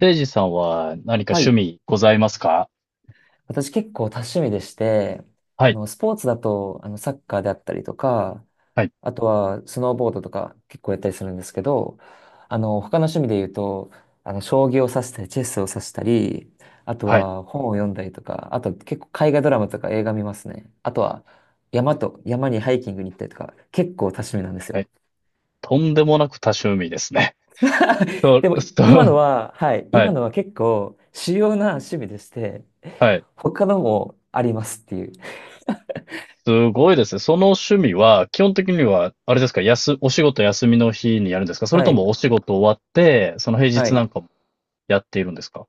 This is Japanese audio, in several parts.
せいじさんは何かは趣い。味ございますか？私結構多趣味でして、はい、スポーツだと、サッカーであったりとか、はい、あとはスノーボードとか結構やったりするんですけど、他の趣味で言うと、将棋を指したり、チェスを指したり、あとはい、は本を読んだりとか、あと結構海外ドラマとか映画見ますね。あとは山と、山にハイキングに行ったりとか、結構多趣味なんですはよ。い。とんでもなく多趣味ですね。そ でも、う、そ今のう、は、はい、は今い、のは結構主要な趣味でして、はい。他のもありますっていう。すごいですね。その趣味は、基本的には、あれですか？お仕事休みの日にやるんですか？それはとい。もお仕事終わって、その平は日なんい。かもやっているんですか？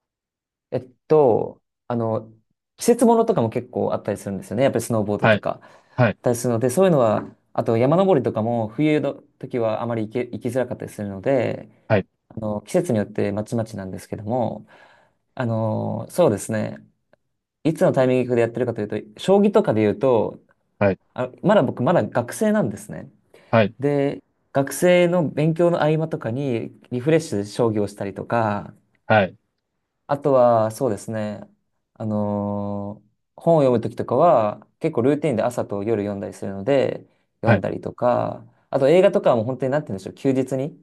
えっと、あの、季節ものとかも結構あったりするんですよね。やっぱりスノーボードはとい、かあはい、ったりするので、そういうのは、あと山登りとかも冬の時はあまり行きづらかったりするので、はい、季節によってまちまちなんですけども、そうですね。いつのタイミングでやってるかというと、将棋とかで言うと、はい、あ、まだ僕まだ学生なんですね。はい、で、学生の勉強の合間とかにリフレッシュで将棋をしたりとか、はい、あとは、そうですね。あのー本を読むときとかは、結構ルーティンで朝と夜読んだりするので、読はんい、だりとか、あと映画とかはもう本当になんて言うんでしょう、休日に、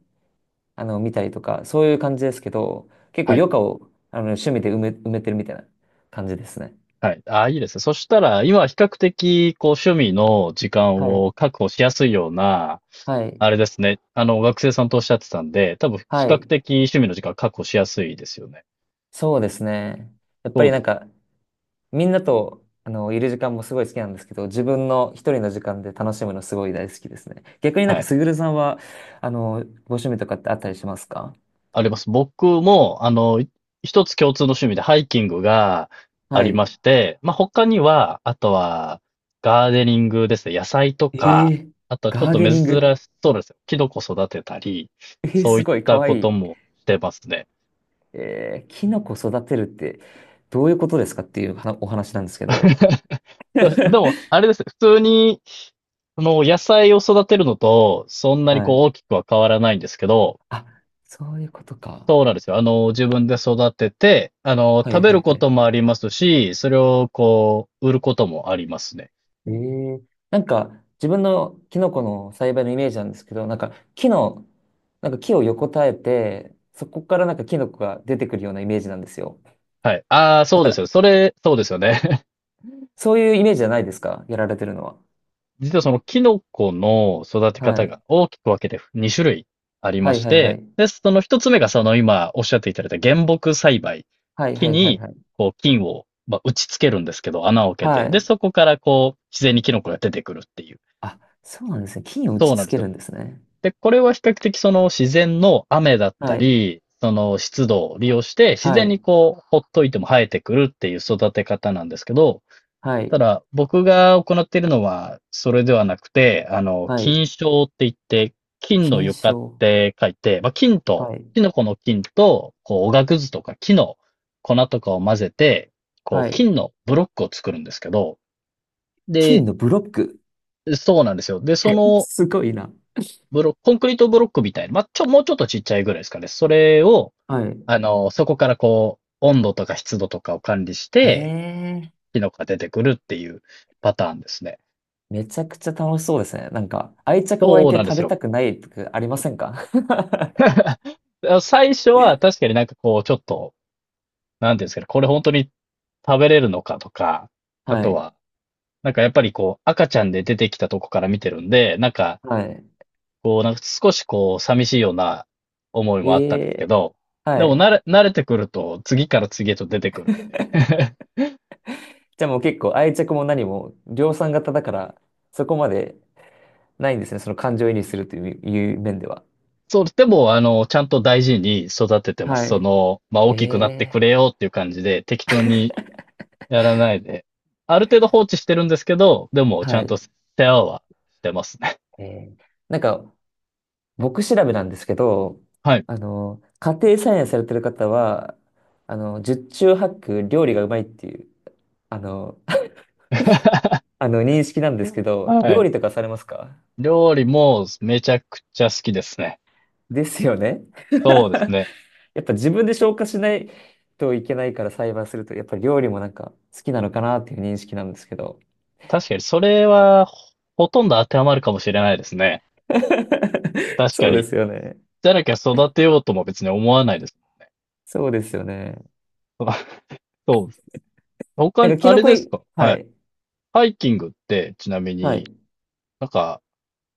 見たりとか、そういう感じですけど、結構は余い、暇を、趣味で埋めてるみたいな感じですね。はい。ああ、いいですね。そしたら、今は比較的、こう、趣味の時間はい。を確保しやすいような、はい。あれですね。学生さんとおっしゃってたんで、多分比は較い。的趣味の時間確保しやすいですよね。そうですね。やっぱそうりでなすんよね。か、みんなと、いる時間もすごい好きなんですけど、自分の一人の時間で楽しむのすごい大好きですね。逆になんはか、い。すぐるさんは、ご趣味とかってあったりしますか？あります。僕も、一つ共通の趣味でハイキングがあはりい。まして、まあ、他には、あとは、ガーデニングですね。野菜とえか、ー、あとはちょっガーとデ珍ニしング。そうですよ。キノコ育てたり、えー、そうすいっごい、かたわこいとい。もしてますね。えー、キノコ育てるって、どういうことですかっていうはなお話なんですけど。そうでも、あれですね。普通に、野菜を育てるのと、そんなにはこうい。大きくは変わらないんですけど、あ、そういうことか。そうなんですよ。自分で育てて、は食いべはるいはことい。もありますし、それをこう、売ることもありますね。ええ、なんか、自分のキノコの栽培のイメージなんですけど、なんか、木の、なんか木を横たえて、そこからなんかキノコが出てくるようなイメージなんですよ。はい。ああ、なそんうでか、すよ。それ、そうですよね。そういうイメージじゃないですかやられてるのは。実はそのキノコの育ては方がい。大きく分けて2種類ありはまいしはいはて、い。で、その1つ目がその今おっしゃっていただいた原木栽培。はい木はいはいに、はい。こう、菌を、まあ、打ち付けるんですけど、穴を開けはて、で、い。そこからこう、自然にキノコが出てくるっていう。あ、そうなんですね。菌を打そちうなんつですけるよ。んですね。で、これは比較的その自然の雨だったはい。り、その湿度を利用して自は然い。にこう、ほっといても生えてくるっていう育て方なんですけど、はたい。だ僕が行っているのはそれではなくて、は菌い。床って言って、菌の菌床っ床。て書いて、まあ、菌と、はい。キノコの菌と、こう、おがくずとか木の粉とかを混ぜて、こはう、い。菌のブロックを作るんですけど、菌で、のブロック。そうなんですよ。で、そ のすごいな。ブロ、コンクリートブロックみたいな、まあ、もうちょっとちっちゃいぐらいですかね。それを、はい。そこからこう、温度とか湿度とかを管理しへて、え。キノコが出てくるっていうパターンですね。めちゃくちゃ楽しそうですね。なんか、愛着湧いそうてなんで食すべよ。たくないとかありませんか？ 最初は確かになんかこう、ちょっと、なんていうんですかね、これ本当に食べれるのかとか、あはとい。は、なんかやっぱりこう、赤ちゃんで出てきたとこから見てるんで、なんか、はい。こう、なんか少しこう、寂しいような思いえもあったんですけえ、ど、ではもい。慣れてくると、次から次へと出てくるんで。じゃあもう結構愛着も何も量産型だから、そこまでないんですね。その感情移入するという、いう面では。そう、でも、ちゃんと大事に育ててます。はまあ、大い。えきくなってくれえ、よっていう感じで、適当にやらないで、ある程度放置してるんですけど、でも、ちゃはんとい。世話はしてますね。ええ、なんか、僕調べなんですけど、はい。家庭菜園されてる方は、十中八九料理がうまいっていう、あの、あの認識なんですけど、は料い。理とかされますか？料理もめちゃくちゃ好きですね。ですよね。そうですね。やっぱ自分で消化しないといけないから栽培すると、やっぱり料理もなんか好きなのかなっていう認識なんですけど。確かに、それは、ほとんど当てはまるかもしれないですね。確かそうでに、すよね。じゃなきゃ育てようとも別に思わないです。そうですよね。そうです。他なんに、かキあノれコですい、か？ははい。い、ハイキングって、ちなみはに、い、なんか、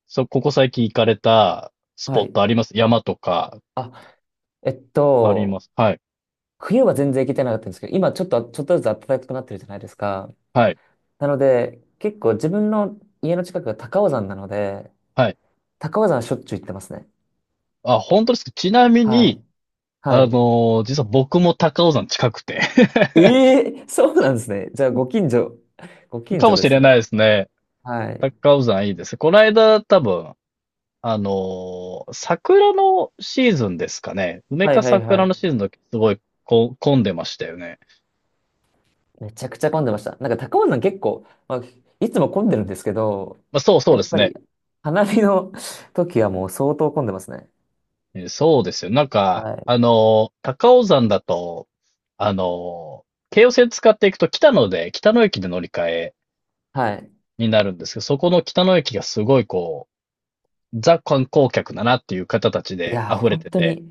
ここ最近行かれたスはポットい。あります？山とか。あ、えっありと、ます？はい。冬は全然行けてなかったんですけど、今ちょっと、ちょっとずつ暖かくなってるじゃないですか。はい。なので、結構自分の家の近くが高尾山なので、はい。高尾山はしょっちゅう行ってますね。あ、本当ですか？ちなみはに、い。はい。実は僕も高尾山近くて ええ、そうなんですね。じゃあ、ご近所、ご 近か所もでしすれなね。いですね。はい。高尾山いいです。この間多分、桜のシーズンですかね。梅はいかはいは桜い。のシーズンの時、すごいこう混んでましたよね。めちゃくちゃ混んでました。なんか高尾山結構、まあ、いつも混んでるんですけど、まあ、そうそうやでっすぱね。り花見の 時はもう相当混んでますね。そうですよ。なんか、はい。高尾山だと、あの京葉線使っていくと北野で、北野駅で乗り換えはい。になるんですけど、そこの北野駅がすごいこう、ザ観光客だなっていう方たちいでや、溢れ本て当て、に、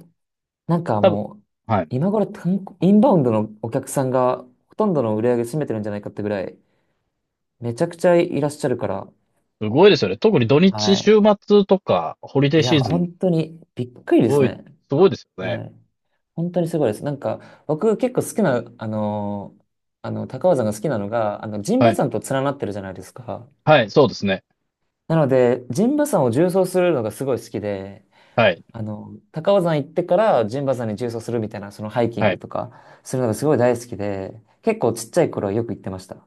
なんか多分もう、はい。今頃観光インバウンドのお客さんがほとんどの売り上げ占めてるんじゃないかってぐらい、めちゃくちゃいらっしゃるから、すごいですよね。特に土日、はい。週末とか、ホリデーいシや、ーズン、す本当にびっくりですごい、ね。すごいですよはね。い。本当にすごいです。なんか、僕結構好きな、高尾山が好きなのが、陣は馬い。山と連なってるじゃないですか。はい、そうですね。なので、陣馬山を縦走するのがすごい好きで、はい、高尾山行ってから陣馬山に縦走するみたいな、そのハイキンはグい。とか、するのがすごい大好きで、結構ちっちゃい頃はよく行ってました。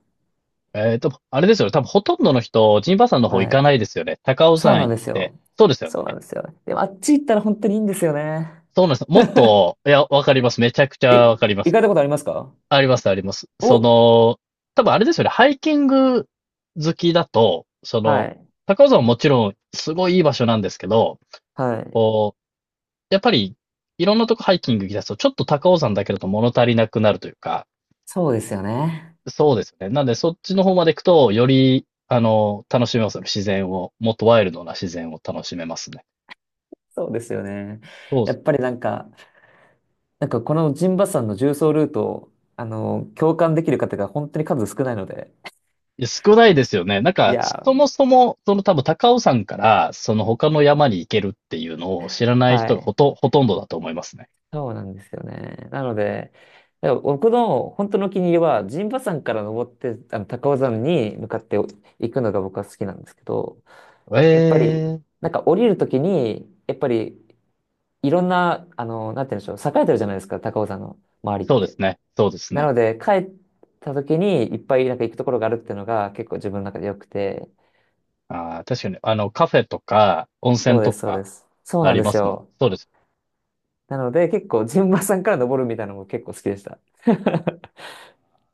あれですよね、多分ほとんどの人、陣馬山の方行はかい。ないですよね。高尾そう山なん行っですて。よ。そうですよね。そうなんですよ。でも、あっち行ったら本当にいいんですよね。そうなんです。もっと、いや、わかります。めちゃくちゃい、わかりま行かす。れたことありますか？あります、あります。お、多分あれですよね。ハイキング好きだと、はい。高尾山ももちろんすごいいい場所なんですけど、はい。こう、やっぱりいろんなとこハイキング行き出すと、ちょっと高尾山だけだと物足りなくなるというか、そうですよね。そうですよね。なんでそっちの方まで行くと、より、楽しめますよね。自然を、もっとワイルドな自然を楽しめますね。そうですよね。そうでやすっね。ぱりなんか、なんかこのジンバさんの重走ルートを、共感できる方が本当に数少ないので。いや、少ないですよね。なんいか、やそもー、そも、その多分高尾山から、その他の山に行けるっていうのを知らないは人がほい。と、ほとんどだと思いますね。そうなんですよね。なので、だから僕の本当のお気に入りは、陣馬山から登って、高尾山に向かって行くのが僕は好きなんですけど、やっぱり、ええ、なんか降りるときに、やっぱり、いろんな、なんて言うんでしょう、栄えてるじゃないですか、高尾山の周りっそうですて。ね。そうですなね。ので、帰った時にいっぱいなんか行くところがあるっていうのが結構自分の中で良くて。ああ、確かに、カフェとか、温そ泉うでとす、そうでか、す。そうあなんりでますすもんね。よ。そうです。なので、結構、陣馬さんから登るみたいなのも結構好きでした。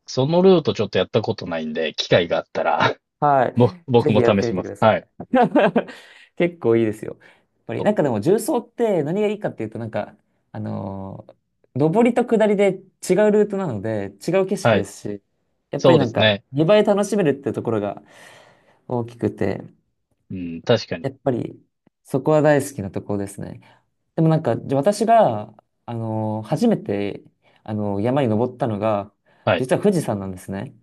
そのルートちょっとやったことないんで、機会があったら はい。僕ぜひもやっ試てしみてまくす。ださい。はい。結構いいですよ。やっぱそり、なう。んかでも重曹って何がいいかっていうと、なんか、あのー上りと下りで違うルートなので、違う景色はでい。すし、やっぱそりうでなんすか、ね。2倍楽しめるってところが大きくて、うん、確かに。やっぱり、そこは大好きなところですね。でもなんか、じゃあ私が、初めて、山に登ったのが、はい。実は富士山なんですね。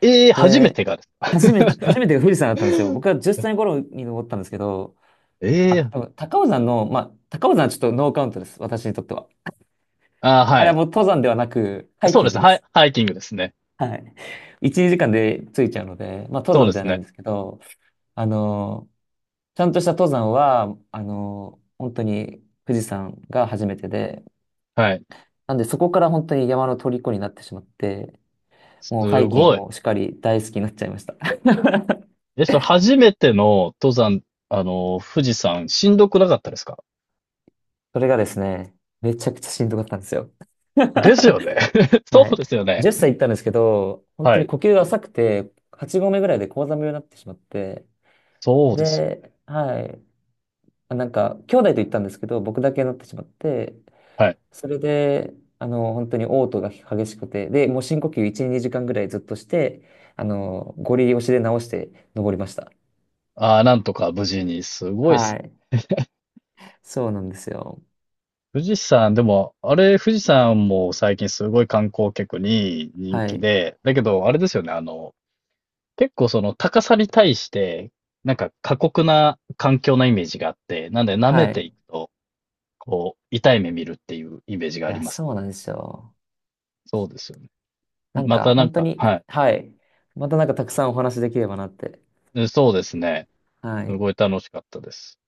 ええ、初めで、てがですか？ 初めてが富士山だったんですよ。僕は 10歳頃に登ったんですけど、えあ、え、でも高尾山の、まあ、高尾山はちょっとノーカウントです。私にとっては。ああ、あはれはい。もう登山ではなく、ハイそうキでンすグね。でハイ、す。ハイキングですね。はい。1、2時間で着いちゃうので、まあ、登そうで山じゃすないんね。ですけど、あの、ちゃんとした登山は、本当に富士山が初めてで、はい。なんでそこから本当に山の虜になってしまって、もうハすイキンごグい。もしっかり大好きになっちゃいました。え、それ初めての登山、富士山、しんどくなかったですか？それがですね、めちゃくちゃしんどかったんですよ。ですよね。そはうい。ですよね。10歳行ったんですけど、本は当にい。呼吸が浅くて、8合目ぐらいで高山病になってしまって、そうですよ。で、はい。あ、なんか、兄弟と行ったんですけど、僕だけになってしまって、はい。それで、本当に嘔吐が激しくて、で、もう深呼吸1、2時間ぐらいずっとして、ゴリ押しで直して登りました。ああ、なんとか無事に。すごいですはね。い。そうなんですよ。富士山、でも、あれ、富士山も最近すごい観光客に人は気い。で、だけど、あれですよね、結構その高さに対して、なんか過酷な環境なイメージがあって、なんで舐めはい。ていいくと、こう、痛い目見るっていうイメージがありや、ますそね。うなんですよ。そうですよね。なんまか、たなん本当か、はに、い。はい。またなんかたくさんお話できればなって。そうですね。はすい。ごい楽しかったです。